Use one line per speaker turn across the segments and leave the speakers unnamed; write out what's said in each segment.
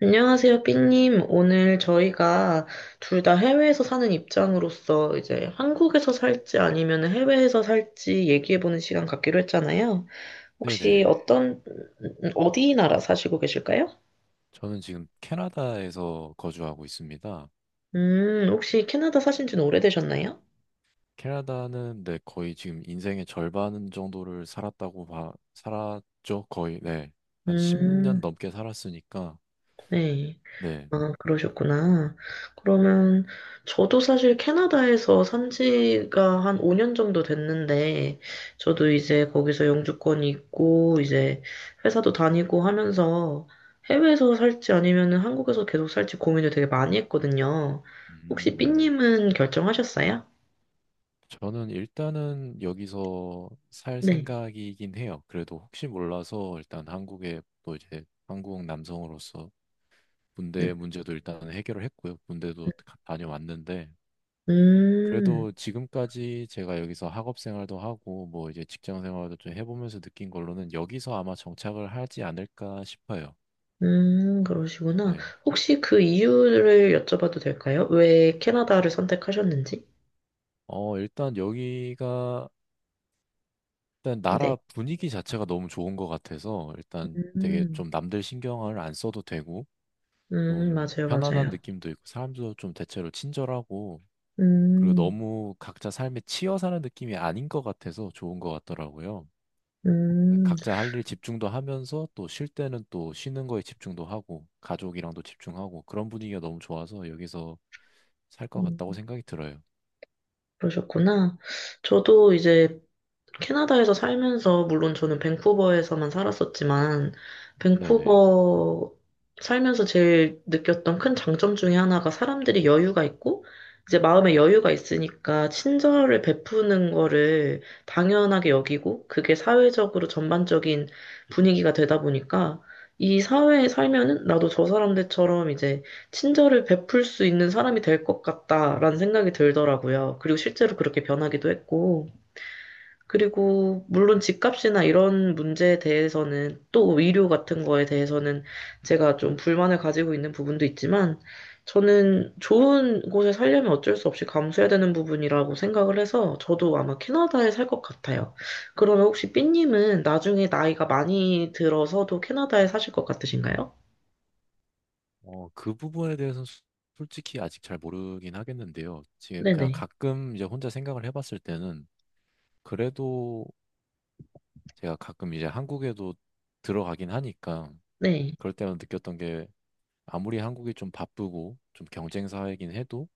안녕하세요, 삐님. 오늘 저희가 둘 다 해외에서 사는 입장으로서 이제 한국에서 살지 아니면 해외에서 살지 얘기해보는 시간 갖기로 했잖아요. 혹시
네네.
어떤, 어디 나라 사시고 계실까요?
저는 지금 캐나다에서 거주하고 있습니다.
혹시 캐나다 사신 지는 오래되셨나요?
캐나다는 네, 거의 지금 인생의 절반 정도를 살았죠. 거의, 네. 한 10년
음,
넘게 살았으니까,
네.
네.
아, 그러셨구나. 그러면 저도 사실 캐나다에서 산 지가 한 5년 정도 됐는데, 저도 이제 거기서 영주권이 있고, 이제 회사도 다니고 하면서 해외에서 살지 아니면 한국에서 계속 살지 고민을 되게 많이 했거든요. 혹시
네.
삐님은 결정하셨어요?
저는 일단은 여기서 살
네.
생각이긴 해요. 그래도 혹시 몰라서 일단 한국에 또 이제 한국 남성으로서 군대
음,
문제도 일단 해결을 했고요. 군대도 다녀왔는데,
음,
그래도 지금까지 제가 여기서 학업 생활도 하고 뭐 이제 직장 생활도 좀 해보면서 느낀 걸로는 여기서 아마 정착을 하지 않을까 싶어요.
그러시구나.
네.
혹시 그 이유를 여쭤봐도 될까요? 왜 캐나다를 선택하셨는지?
어, 일단 여기가 일단
네.
나라 분위기 자체가 너무 좋은 것 같아서 일단 되게
음.
좀 남들 신경을 안 써도 되고 좀
맞아요,
편안한
맞아요.
느낌도 있고 사람도 좀 대체로 친절하고 그리고
음,
너무 각자 삶에 치여 사는 느낌이 아닌 것 같아서 좋은 것 같더라고요.
음,
각자 할 일 집중도 하면서 또 쉴 때는 또 쉬는 거에 집중도 하고 가족이랑도 집중하고 그런 분위기가 너무 좋아서 여기서 살 것 같다고
음,
생각이 들어요.
그러셨구나. 저도 이제 캐나다에서 살면서, 물론 저는 밴쿠버에서만 살았었지만,
네네.
밴쿠버 살면서 제일 느꼈던 큰 장점 중에 하나가 사람들이 여유가 있고, 이제 마음에 여유가 있으니까 친절을 베푸는 거를 당연하게 여기고, 그게 사회적으로 전반적인 분위기가 되다 보니까, 이 사회에 살면은 나도 저 사람들처럼 이제 친절을 베풀 수 있는 사람이 될 것 같다라는 생각이 들더라고요. 그리고 실제로 그렇게 변하기도 했고, 그리고 물론 집값이나 이런 문제에 대해서는 또 의료 같은 거에 대해서는 제가 좀 불만을 가지고 있는 부분도 있지만 저는 좋은 곳에 살려면 어쩔 수 없이 감수해야 되는 부분이라고 생각을 해서 저도 아마 캐나다에 살 것 같아요. 그러면 혹시 삐님은 나중에 나이가 많이 들어서도 캐나다에 사실 것 같으신가요?
어, 그 부분에 대해서는 솔직히 아직 잘 모르긴 하겠는데요. 제 그냥
네네.
가끔 이제 혼자 생각을 해봤을 때는 그래도 제가 가끔 이제 한국에도 들어가긴 하니까
네.
그럴 때만 느꼈던 게 아무리 한국이 좀 바쁘고 좀 경쟁 사회이긴 해도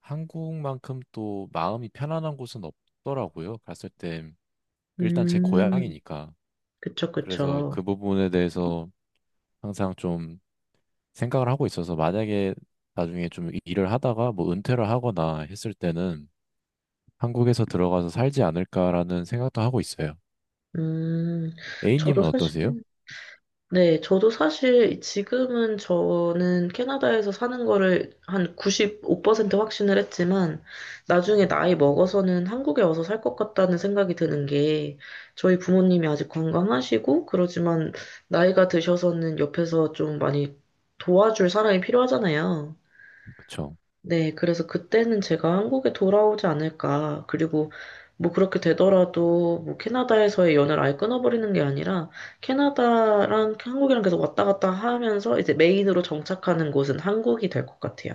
한국만큼 또 마음이 편안한 곳은 없더라고요. 갔을 때 일단 제
음,
고향이니까.
그쵸,
그래서
그쵸.
그 부분에 대해서 항상 좀 생각을 하고 있어서 만약에 나중에 좀 일을 하다가 뭐 은퇴를 하거나 했을 때는 한국에서 들어가서 살지 않을까라는 생각도 하고 있어요.
음, 저도
A님은
사실,
어떠세요?
네, 저도 사실 지금은 저는 캐나다에서 사는 거를 한 95% 확신을 했지만 나중에 나이 먹어서는 한국에 와서 살 것 같다는 생각이 드는 게 저희 부모님이 아직 건강하시고 그러지만 나이가 드셔서는 옆에서 좀 많이 도와줄 사람이 필요하잖아요.
그쵸.
네, 그래서 그때는 제가 한국에 돌아오지 않을까. 그리고 뭐 그렇게 되더라도 뭐 캐나다에서의 연애를 아예 끊어버리는 게 아니라 캐나다랑 한국이랑 계속 왔다 갔다 하면서 이제 메인으로 정착하는 곳은 한국이 될 것 같아요.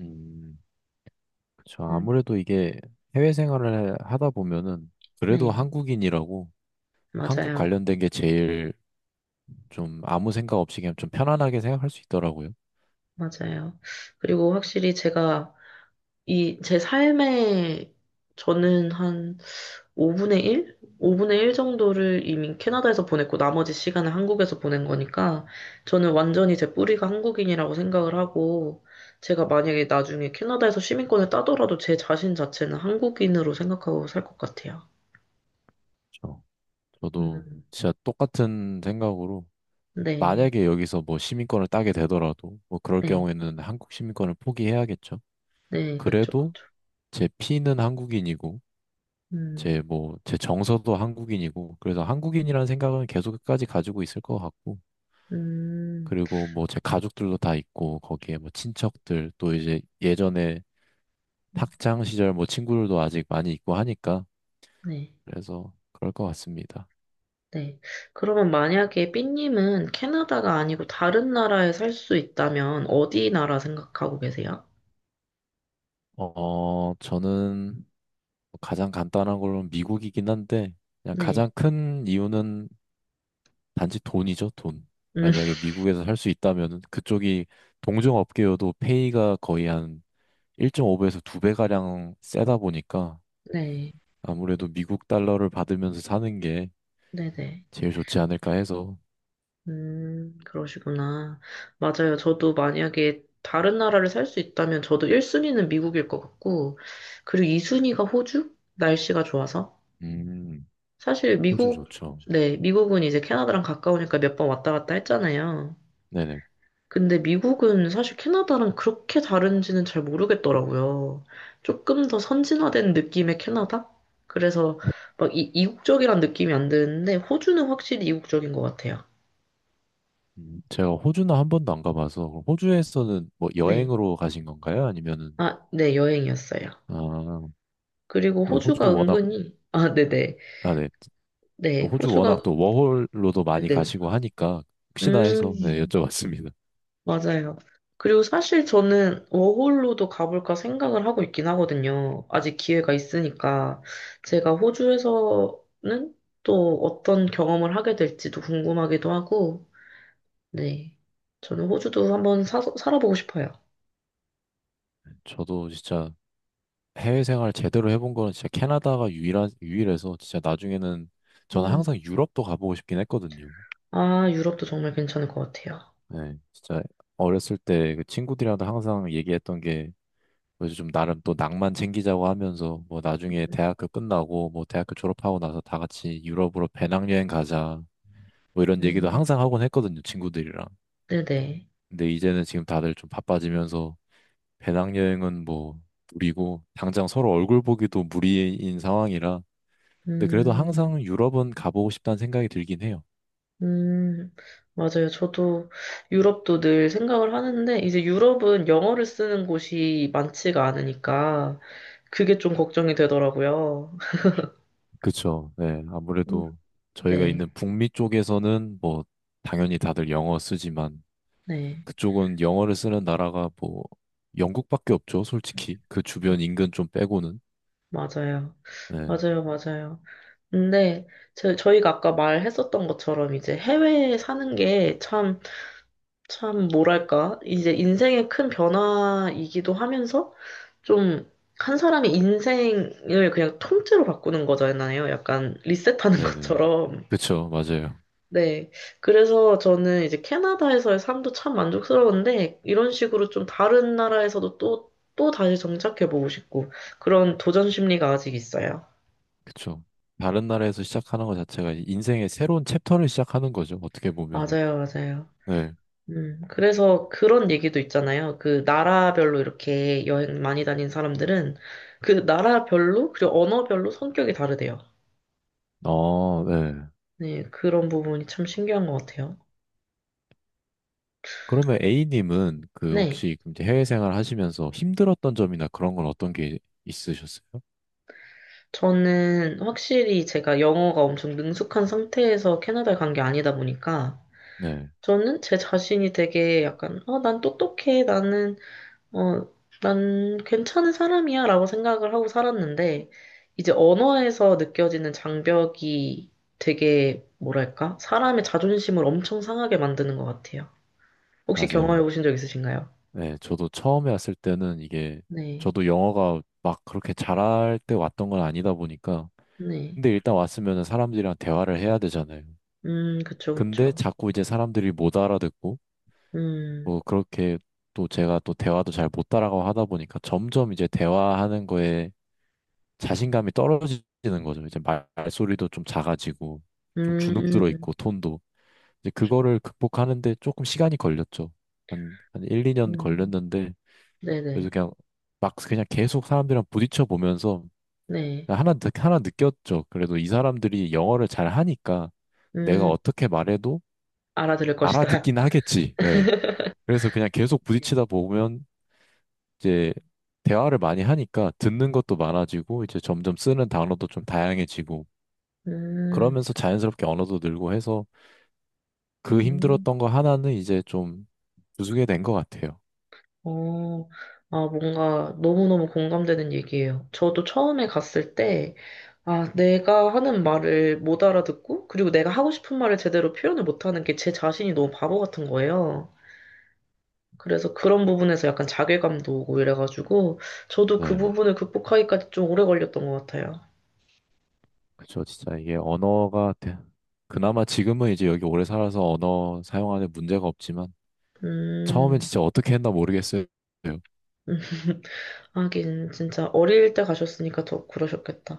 음, 그쵸.
음,
아무래도 이게 해외 생활을 하다 보면은 그래도
네,
한국인이라고 한국
맞아요.
관련된 게 제일 좀 아무 생각 없이 그냥 좀 편안하게 생각할 수 있더라고요.
맞아요. 그리고 확실히 제가 이 제 삶에 저는 한 5분의 1? 5분의 1 정도를 이미 캐나다에서 보냈고 나머지 시간을 한국에서 보낸 거니까 저는 완전히 제 뿌리가 한국인이라고 생각을 하고 제가 만약에 나중에 캐나다에서 시민권을 따더라도 제 자신 자체는 한국인으로 생각하고 살 것 같아요.
저, 저도
음,
진짜 똑같은 생각으로
네,
만약에 여기서 뭐 시민권을 따게 되더라도 뭐 그럴
네,
경우에는 한국 시민권을 포기해야겠죠.
네, 그쵸,
그래도
그쵸.
제 피는 한국인이고
음,
제 뭐 제 정서도 한국인이고 그래서 한국인이라는 생각은 계속 끝까지 가지고 있을 것 같고
음,
그리고 뭐 제 가족들도 다 있고 거기에 뭐 친척들 또 이제 예전에 학창 시절 뭐 친구들도 아직 많이 있고 하니까
네,
그래서 그럴 것 같습니다.
네. 그러면 만약에 삐님은 캐나다가 아니고 다른 나라에 살 수 있다면 어디 나라 생각하고 계세요?
어, 저는 뭐 가장 간단한 걸로는 미국이긴 한데, 그냥
네.
가장 큰 이유는 단지 돈이죠, 돈.
음...
만약에 미국에서 살 수 있다면 그쪽이 동종업계여도 페이가 거의 한 1.5배에서 2배가량 세다 보니까
네,
아무래도 미국 달러를 받으면서 사는 게
네네.
제일 좋지 않을까 해서,
그러시구나. 맞아요. 저도 만약에 다른 나라를 살 수 있다면 저도 1순위는 미국일 것 같고, 그리고 2순위가 호주? 날씨가 좋아서.
음,
사실
호주
미국,
좋죠.
네, 미국은 이제 캐나다랑 가까우니까 몇 번 왔다 갔다 했잖아요.
네네.
근데 미국은 사실 캐나다랑 그렇게 다른지는 잘 모르겠더라고요. 조금 더 선진화된 느낌의 캐나다? 그래서 막 이국적이란 느낌이 안 드는데, 호주는 확실히 이국적인 것 같아요.
제가 호주는 한 번도 안 가봐서, 그럼 호주에서는 뭐
네.
여행으로 가신 건가요? 아니면은,
아, 네, 여행이었어요.
아,
그리고
또 호주
호주가
워낙
은근히, 아, 네네.
아, 네.
네,
호주 워낙
호주가,
또 워홀로도 많이
네.
가시고 하니까 혹시나 해서 네,
음,
여쭤봤습니다.
맞아요. 그리고 사실 저는 워홀로도 가볼까 생각을 하고 있긴 하거든요. 아직 기회가 있으니까. 제가 호주에서는 또 어떤 경험을 하게 될지도 궁금하기도 하고, 네. 저는 호주도 한번 살아보고 싶어요.
저도 진짜 해외 생활 제대로 해본 거는 진짜 캐나다가 유일한, 유일해서 진짜 나중에는 저는
음,
항상 유럽도 가보고 싶긴 했거든요.
아, 유럽도 정말 괜찮을 것 같아요.
네, 진짜 어렸을 때 그 친구들이랑도 항상 얘기했던 게 그래서 좀 나름 또 낭만 챙기자고 하면서 뭐 나중에
음,
대학교 끝나고 뭐 대학교 졸업하고 나서 다 같이 유럽으로 배낭여행 가자 뭐 이런 얘기도
음,
항상 하곤 했거든요, 친구들이랑.
네네.
근데 이제는 지금 다들 좀 바빠지면서 배낭여행은 뭐 무리고 당장 서로 얼굴 보기도 무리인 상황이라 근데 그래도
음.
항상 유럽은 가보고 싶다는 생각이 들긴 해요.
음, 맞아요. 저도 유럽도 늘 생각을 하는데, 이제 유럽은 영어를 쓰는 곳이 많지가 않으니까, 그게 좀 걱정이 되더라고요.
그쵸. 네.
음,
아무래도 저희가
네,
있는 북미 쪽에서는 뭐 당연히 다들 영어 쓰지만
네.
그쪽은 영어를 쓰는 나라가 뭐 영국밖에 없죠. 솔직히. 그 주변 인근 좀 빼고는.
맞아요.
네.
맞아요, 맞아요. 근데 저희가 아까 말했었던 것처럼 이제 해외에 사는 게참 참, 뭐랄까. 이제 인생의 큰 변화이기도 하면서 좀 한 사람의 인생을 그냥 통째로 바꾸는 거잖아요. 약간 리셋하는
네네.
것처럼.
그쵸. 맞아요.
네. 그래서 저는 이제 캐나다에서의 삶도 참 만족스러운데 이런 식으로 좀 다른 나라에서도 또 다시 정착해보고 싶고 그런 도전 심리가 아직 있어요.
그쵸. 다른 나라에서 시작하는 것 자체가 인생의 새로운 챕터를 시작하는 거죠. 어떻게 보면은.
맞아요, 맞아요.
네.
그래서 그런 얘기도 있잖아요. 그 나라별로 이렇게 여행 많이 다닌 사람들은 그 나라별로, 그리고 언어별로 성격이 다르대요.
어, 네.
네, 그런 부분이 참 신기한 것 같아요.
그러면 A님은 그
네.
혹시 그럼 이제 해외 생활 하시면서 힘들었던 점이나 그런 건 어떤 게 있으셨어요?
저는 확실히 제가 영어가 엄청 능숙한 상태에서 캐나다에 간 게 아니다 보니까
네,
저는 제 자신이 되게 약간, 난 똑똑해. 나는 어, 난 괜찮은 사람이야 라고 생각을 하고 살았는데, 이제 언어에서 느껴지는 장벽이 되게, 뭐랄까, 사람의 자존심을 엄청 상하게 만드는 것 같아요. 혹시 경험해
맞아요.
보신 적 있으신가요?
네, 저도 처음에 왔을 때는 이게
네,
저도 영어가 막 그렇게 잘할 때 왔던 건 아니다 보니까
네.
근데 일단 왔으면은 사람들이랑 대화를 해야 되잖아요.
그쵸,
근데
그쵸.
자꾸 이제 사람들이 못 알아듣고
음,
뭐 그렇게 또 제가 또 대화도 잘 못 따라가고 하다 보니까 점점 이제 대화하는 거에 자신감이 떨어지는 거죠. 이제 말소리도 좀 작아지고 좀 주눅 들어
음,
있고 톤도 이제 그거를 극복하는데 조금 시간이 걸렸죠. 한 1, 2년
음,
걸렸는데 그래서
네네,
그냥 막 그냥 계속 사람들이랑 부딪혀 보면서
네.
하나 느꼈죠. 그래도 이 사람들이 영어를 잘 하니까 내가
음,
어떻게 말해도
알아들을 것이다.
알아듣긴 하겠지. 예. 그래서 그냥 계속
네.
부딪히다 보면 이제 대화를 많이 하니까 듣는 것도 많아지고 이제 점점 쓰는 단어도 좀 다양해지고
음,
그러면서 자연스럽게 언어도 늘고 해서 그
음,
힘들었던 거 하나는 이제 좀 부수게 된 것 같아요.
어, 아, 뭔가 너무너무 공감되는 얘기예요. 저도 처음에 갔을 때, 아, 내가 하는 말을 못 알아듣고, 그리고 내가 하고 싶은 말을 제대로 표현을 못하는 게 제 자신이 너무 바보 같은 거예요. 그래서 그런 부분에서 약간 자괴감도 오고 이래가지고, 저도 그
네.
부분을 극복하기까지 좀 오래 걸렸던 것 같아요.
그쵸. 진짜 이게 언어가 그나마 지금은 이제 여기 오래 살아서 언어 사용하는 문제가 없지만 처음엔
음,
진짜 어떻게 했나 모르겠어요.
하긴, 진짜 어릴 때 가셨으니까 더 그러셨겠다.